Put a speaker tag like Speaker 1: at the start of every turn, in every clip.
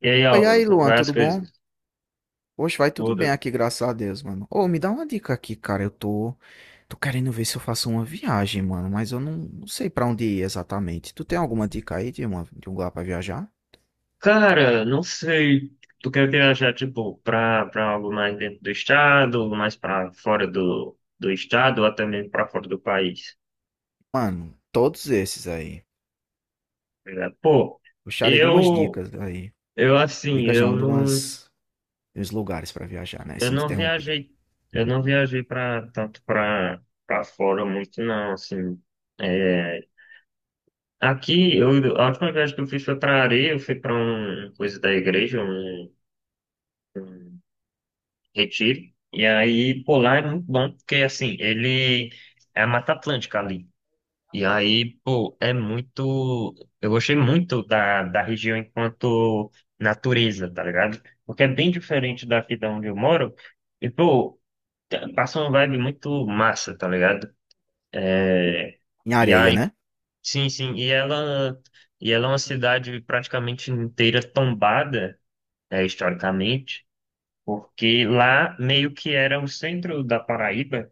Speaker 1: E aí,
Speaker 2: Oi,
Speaker 1: Álvaro,
Speaker 2: aí,
Speaker 1: como
Speaker 2: Luan,
Speaker 1: vai as
Speaker 2: tudo bom?
Speaker 1: coisas?
Speaker 2: Poxa, vai tudo bem
Speaker 1: Tudo.
Speaker 2: aqui, graças a Deus, mano. Ô, me dá uma dica aqui, cara. Eu tô querendo ver se eu faço uma viagem, mano, mas eu não sei pra onde ir exatamente. Tu tem alguma dica aí de, uma, de um lugar pra viajar?
Speaker 1: Cara, não sei. Tu quer viajar, tipo, pra algo mais dentro do estado, algo mais pra fora do estado, ou até mesmo pra fora do país?
Speaker 2: Mano, todos esses aí.
Speaker 1: Tá ligado? Pô,
Speaker 2: Gostaria de umas
Speaker 1: eu,
Speaker 2: dicas aí.
Speaker 1: eu assim,
Speaker 2: Dicas não, de umas, de uns lugares pra viajar, né?
Speaker 1: eu
Speaker 2: Sem te
Speaker 1: não
Speaker 2: interromper.
Speaker 1: viajei, eu não viajei pra, tanto pra fora muito, não, assim. É, aqui, eu, a última viagem que eu fiz foi pra areia. Eu fui pra um, coisa da igreja, um um retiro. E aí, pô, lá é muito bom, porque assim, ele é a Mata Atlântica ali. E aí, pô, é muito. Eu gostei muito da região enquanto natureza, tá ligado? Porque é bem diferente daqui da onde eu moro. E, pô, passa uma vibe muito massa, tá ligado?
Speaker 2: Em
Speaker 1: E
Speaker 2: areia,
Speaker 1: aí,
Speaker 2: né?
Speaker 1: sim, sim. E ela é uma cidade praticamente inteira tombada, é, historicamente, porque lá meio que era o centro da Paraíba.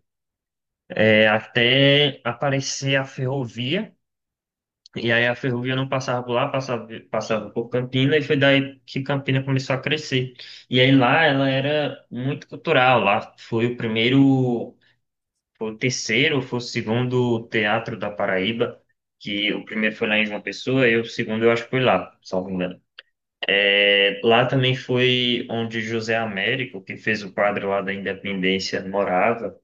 Speaker 1: É até aparecer a ferrovia, e aí a ferrovia não passava por lá, passava, passava por Campina, e foi daí que Campina começou a crescer. E aí lá ela era muito cultural. Lá foi o primeiro, foi o terceiro, foi o segundo teatro da Paraíba, que o primeiro foi lá em João Pessoa, e o segundo eu acho que foi lá, salvo engano. É, lá também foi onde José Américo, que fez o quadro lá da Independência, morava.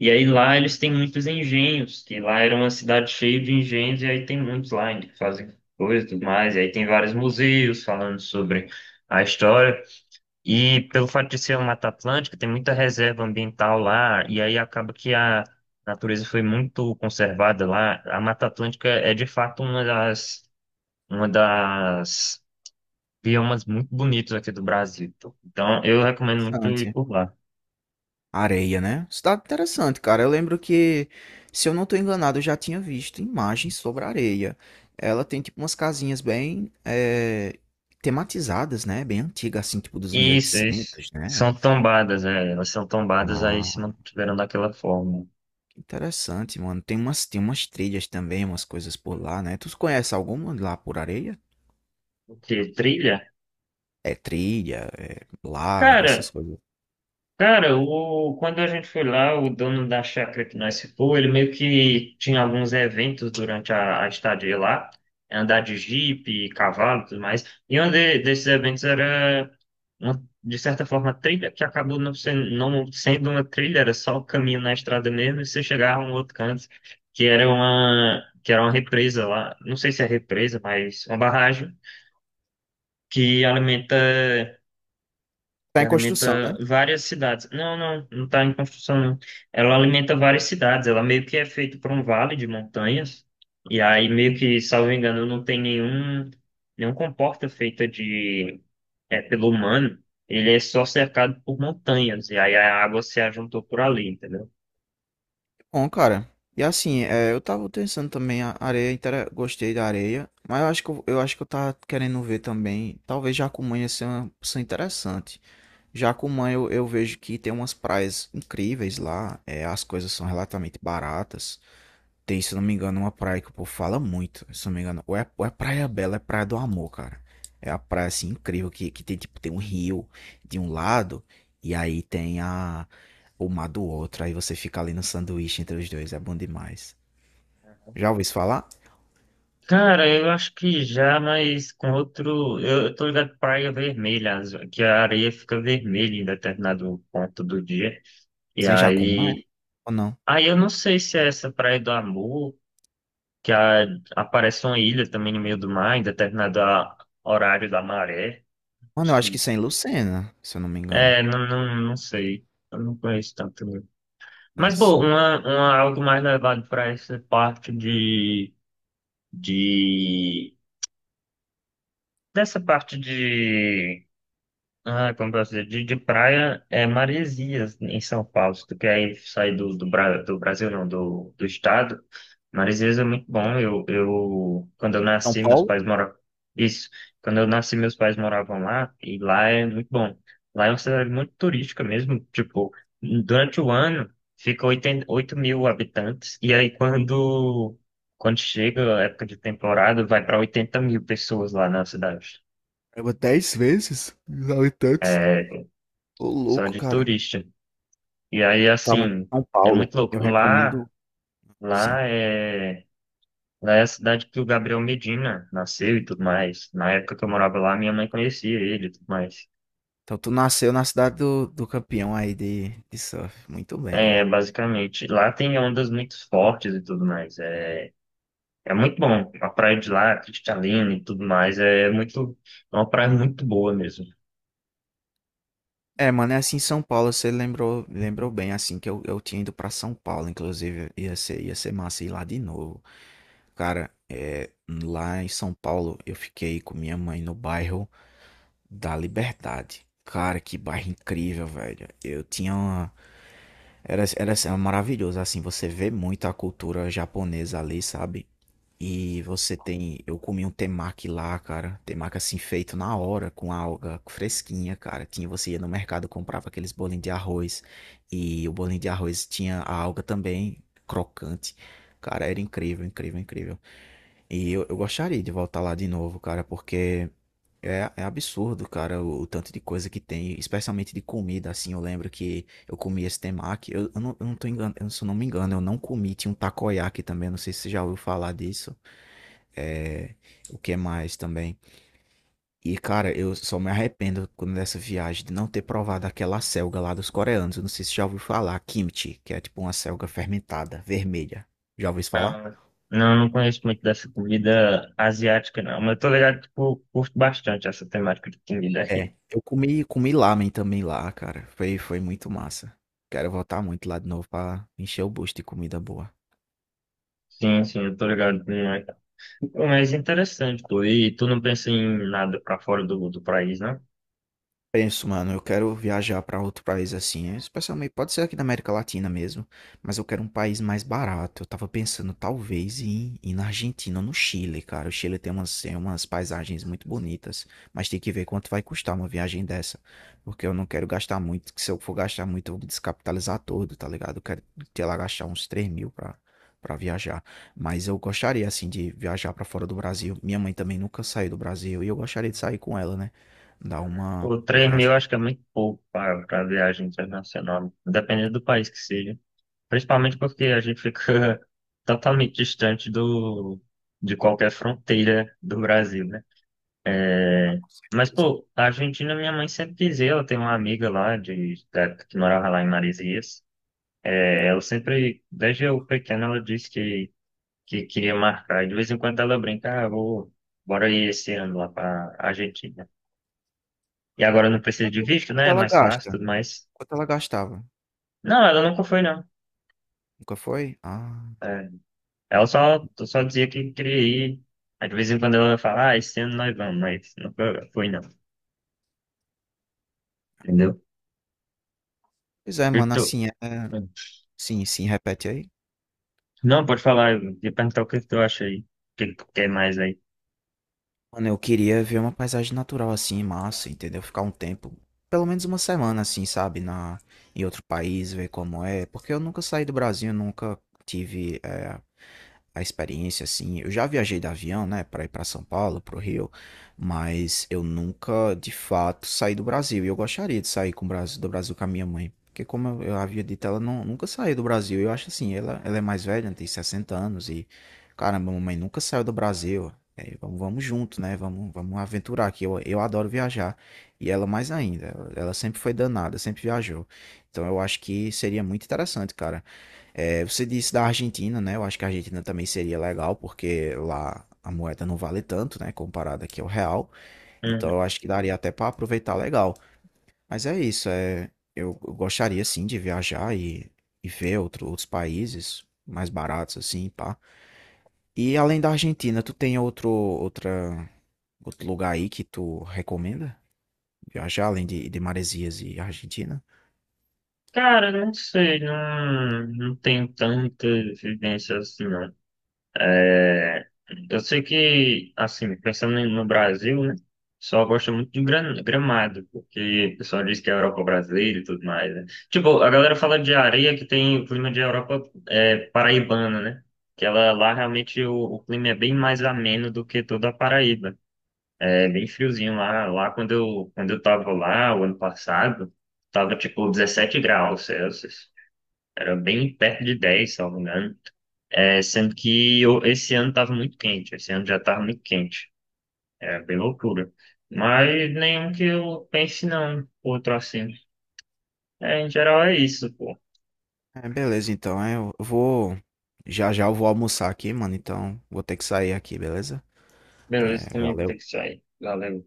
Speaker 1: E aí lá eles têm muitos engenhos, que lá era uma cidade cheia de engenhos, e aí tem muitos lá ainda que fazem coisas e tudo mais. E aí tem vários museus falando sobre a história. E pelo fato de ser uma Mata Atlântica, tem muita reserva ambiental lá, e aí acaba que a natureza foi muito conservada lá. A Mata Atlântica é de fato uma das biomas muito bonitos aqui do Brasil, pô. Então, eu recomendo muito ir
Speaker 2: Interessante.
Speaker 1: por lá.
Speaker 2: Areia, né? Cidade interessante, cara. Eu lembro que, se eu não tô enganado, eu já tinha visto imagens sobre a areia. Ela tem, tipo, umas casinhas bem tematizadas, né? Bem antiga, assim, tipo dos mil e
Speaker 1: Isso, isso.
Speaker 2: oitocentos, né?
Speaker 1: São tombadas, é. Elas são tombadas, aí
Speaker 2: Ah,
Speaker 1: se mantiveram daquela forma.
Speaker 2: que interessante, mano. Tem umas trilhas também, umas coisas por lá, né? Tu conhece alguma lá por areia?
Speaker 1: O quê? Trilha?
Speaker 2: É trilha, é lago,
Speaker 1: Cara,
Speaker 2: essas coisas.
Speaker 1: cara, o, quando a gente foi lá, o dono da chácara que nós ficou, ele meio que tinha alguns eventos durante a estadia lá. Andar de jipe, cavalo e tudo mais. E um desses eventos era de certa forma, trilha que acabou não sendo, não sendo uma trilha, era só o caminho na estrada mesmo, e você chegava a um outro canto, que era uma represa lá, não sei se é represa, mas uma barragem que alimenta, que
Speaker 2: Tá em construção,
Speaker 1: alimenta
Speaker 2: né?
Speaker 1: várias cidades. Não, não, não está em construção, não. Ela alimenta várias cidades, ela meio que é feita por um vale de montanhas, e aí meio que, salvo engano, não tem nenhum comporta feita de é, pelo humano, ele é só cercado por montanhas, e aí a água se ajuntou por ali, entendeu?
Speaker 2: Bom, cara, e assim, é, eu tava pensando também, a areia, intera- gostei da areia, mas eu acho que eu tava querendo ver também, talvez Jacumã ia ser uma opção interessante. Jacumã eu vejo que tem umas praias incríveis lá, é, as coisas são relativamente baratas. Tem, se eu não me engano, uma praia que o povo fala muito, se eu não me engano. Ou é Praia Bela, é Praia do Amor, cara. É a praia, assim, incrível, que tem, tipo, tem um rio de um lado e aí tem a, o mar do outro. Aí você fica ali no sanduíche entre os dois, é bom demais. Já ouviu isso falar?
Speaker 1: Cara, eu acho que já, mas com outro. Eu tô ligado pra Praia Vermelha, que a areia fica vermelha em determinado ponto do dia. E
Speaker 2: Sem Jacumã, é?
Speaker 1: aí.
Speaker 2: Ou não?
Speaker 1: Aí eu não sei se é essa Praia do Amor, que aparece uma ilha também no meio do mar, em determinado horário da maré.
Speaker 2: Mano, eu acho que
Speaker 1: Sim.
Speaker 2: isso é em Lucena, se eu não me engano.
Speaker 1: É, não, não sei. Eu não conheço tanto. Mas, pô,
Speaker 2: Interessante.
Speaker 1: uma, algo mais levado para essa parte de... Dessa parte de ah, como posso dizer, de praia é Maresias, em São Paulo. Se tu quer ir sair do, do, do Brasil, não, do estado, Maresias é muito bom. Quando eu
Speaker 2: São
Speaker 1: nasci, meus
Speaker 2: Paulo?
Speaker 1: pais moravam. Isso, quando eu nasci, meus pais moravam lá, e lá é muito bom. Lá é uma cidade muito turística mesmo. Tipo, durante o ano, fica 8.000 habitantes, e aí quando chega a época de temporada, vai para 80.000 pessoas lá na cidade.
Speaker 2: É dez vezes os habitantes.
Speaker 1: É,
Speaker 2: Ô,
Speaker 1: só
Speaker 2: louco,
Speaker 1: de
Speaker 2: cara.
Speaker 1: turista. E aí,
Speaker 2: Falando de
Speaker 1: assim,
Speaker 2: São
Speaker 1: é
Speaker 2: Paulo,
Speaker 1: muito
Speaker 2: eu
Speaker 1: louco. Lá,
Speaker 2: recomendo, sim.
Speaker 1: lá é, lá é a cidade que o Gabriel Medina nasceu e tudo mais. Na época que eu morava lá, minha mãe conhecia ele e tudo mais.
Speaker 2: Então tu nasceu na cidade do, do campeão aí de surf. Muito bem,
Speaker 1: É,
Speaker 2: Luan.
Speaker 1: basicamente, lá tem ondas muito fortes e tudo mais. É, é muito bom. A praia de lá, cristalina e tudo mais, é muito, é uma praia muito boa mesmo.
Speaker 2: É, mano, é assim em São Paulo, você lembrou, lembrou bem, assim, que eu tinha ido pra São Paulo, inclusive, ia ser massa ir lá de novo. Cara, é, lá em São Paulo, eu fiquei com minha mãe no bairro da Liberdade. Cara, que bairro incrível, velho. Eu tinha uma... Era, era, assim, maravilhoso, assim, você vê muito a cultura japonesa ali, sabe? E você tem. Eu comi um temaki lá, cara. Temaki assim feito na hora, com alga fresquinha, cara. Tinha, você ia no mercado, comprava aqueles bolinhos de arroz. E o bolinho de arroz tinha a alga também, crocante. Cara, era incrível, incrível, incrível. E eu gostaria de voltar lá de novo, cara, porque é, é absurdo, cara, o tanto de coisa que tem, especialmente de comida, assim. Eu lembro que eu comi esse temaki. Eu não tô enganando, se eu não me engano, eu não comi. Tinha um takoyaki também, não sei se você já ouviu falar disso. É, o que mais também? E, cara, eu só me arrependo quando dessa viagem de não ter provado aquela selga lá dos coreanos. Eu não sei se já ouviu falar, kimchi, que é tipo uma selga fermentada, vermelha. Já ouviu isso falar?
Speaker 1: Ah, não, eu não conheço muito dessa comida asiática, não. Mas eu tô ligado que eu curto bastante essa temática de comida
Speaker 2: É.
Speaker 1: aí.
Speaker 2: Eu comi, comi lamen também lá, cara. Foi, foi muito massa. Quero voltar muito lá de novo pra encher o bucho de comida boa.
Speaker 1: Sim, sim, eu tô ligado. Pô, mas interessante, pô. E tu não pensa em nada pra fora do país, né?
Speaker 2: Penso, mano, eu quero viajar pra outro país assim, é, especialmente pode ser aqui da América Latina mesmo, mas eu quero um país mais barato. Eu tava pensando talvez em ir na Argentina ou no Chile, cara. O Chile tem umas paisagens muito bonitas, mas tem que ver quanto vai custar uma viagem dessa, porque eu não quero gastar muito, que se eu for gastar muito eu vou me descapitalizar todo, tá ligado? Eu quero ter lá gastar uns 3 mil pra, pra viajar, mas eu gostaria assim de viajar pra fora do Brasil. Minha mãe também nunca saiu do Brasil e eu gostaria de sair com ela, né? Dar uma
Speaker 1: Pô, 3 mil
Speaker 2: viajada,
Speaker 1: acho que é muito pouco pra pra viagem internacional, dependendo do país que seja. Principalmente porque a gente fica totalmente distante do, de qualquer fronteira do Brasil, né? É, mas,
Speaker 2: beleza.
Speaker 1: pô, a Argentina, minha mãe sempre dizia, ela tem uma amiga lá de, da época que morava lá em Marizias. É, ela sempre, desde eu pequeno, ela disse que queria marcar. E de vez em quando ela brinca, ah, vou, bora ir esse ano lá pra Argentina. E agora não precisa de
Speaker 2: Quanto
Speaker 1: visto,
Speaker 2: quanto
Speaker 1: né? É
Speaker 2: ela
Speaker 1: mais fácil,
Speaker 2: gasta?
Speaker 1: tudo mais.
Speaker 2: Quanto ela gastava?
Speaker 1: Não, ela nunca foi, não.
Speaker 2: Nunca foi? Ah,
Speaker 1: É, ela só dizia que queria ir. Aí de vez em quando ela fala, ah, esse ano nós vamos, mas nunca foi, não. Entendeu? O
Speaker 2: pois é,
Speaker 1: que que
Speaker 2: mano,
Speaker 1: tu...
Speaker 2: assim, é sim, sim, repete aí.
Speaker 1: Não, pode falar, eu ia perguntar o que que tu acha aí. O que que tu quer mais aí?
Speaker 2: Mano, eu queria ver uma paisagem natural assim, massa, entendeu? Ficar um tempo, pelo menos uma semana assim, sabe, na em outro país, ver como é, porque eu nunca saí do Brasil, nunca tive a experiência, assim. Eu já viajei de avião, né, para ir para São Paulo, pro Rio, mas eu nunca, de fato, saí do Brasil. E eu gostaria de sair com o Brasil, do Brasil com a minha mãe. Porque, como eu havia dito, ela não, nunca saiu do Brasil. Eu acho assim, ela é mais velha, tem 60 anos e, caramba, mamãe nunca saiu do Brasil. É, vamos, vamos junto, né? Vamos, vamos aventurar aqui. Eu adoro viajar. E ela mais ainda. Ela sempre foi danada, sempre viajou. Então eu acho que seria muito interessante, cara. É, você disse da Argentina, né? Eu acho que a Argentina também seria legal, porque lá a moeda não vale tanto, né? Comparada aqui ao real. Então eu
Speaker 1: Uhum.
Speaker 2: acho que daria até para aproveitar legal. Mas é isso, é, eu gostaria sim de viajar e ver outro- outros países mais baratos, assim, pá. E além da Argentina, tu tem outro, outra, outro lugar aí que tu recomenda? Viajar além de Maresias e Argentina?
Speaker 1: Cara, não sei, não, não tenho tanta vivência assim, não. É, eu sei que, assim, pensando no Brasil, né? O pessoal gosta muito de Gramado, porque o pessoal diz que é a Europa brasileira e tudo mais, né? Tipo, a galera fala de areia que tem o clima de Europa é, paraibana, né? Que ela lá realmente o clima é bem mais ameno do que toda a Paraíba. É bem friozinho lá. Lá quando eu tava lá o ano passado, tava tipo 17 graus Celsius. Era bem perto de 10 se eu não me engano. É, sendo que esse ano estava muito quente, esse ano já estava muito quente. É bem loucura. Mas nenhum que eu pense, não, outro assim. É, em geral é isso, pô.
Speaker 2: É, beleza, então. É, Eu vou. Já já eu vou almoçar aqui, mano. Então vou ter que sair aqui, beleza?
Speaker 1: Beleza,
Speaker 2: É,
Speaker 1: também vou ter que
Speaker 2: valeu.
Speaker 1: sair. Valeu.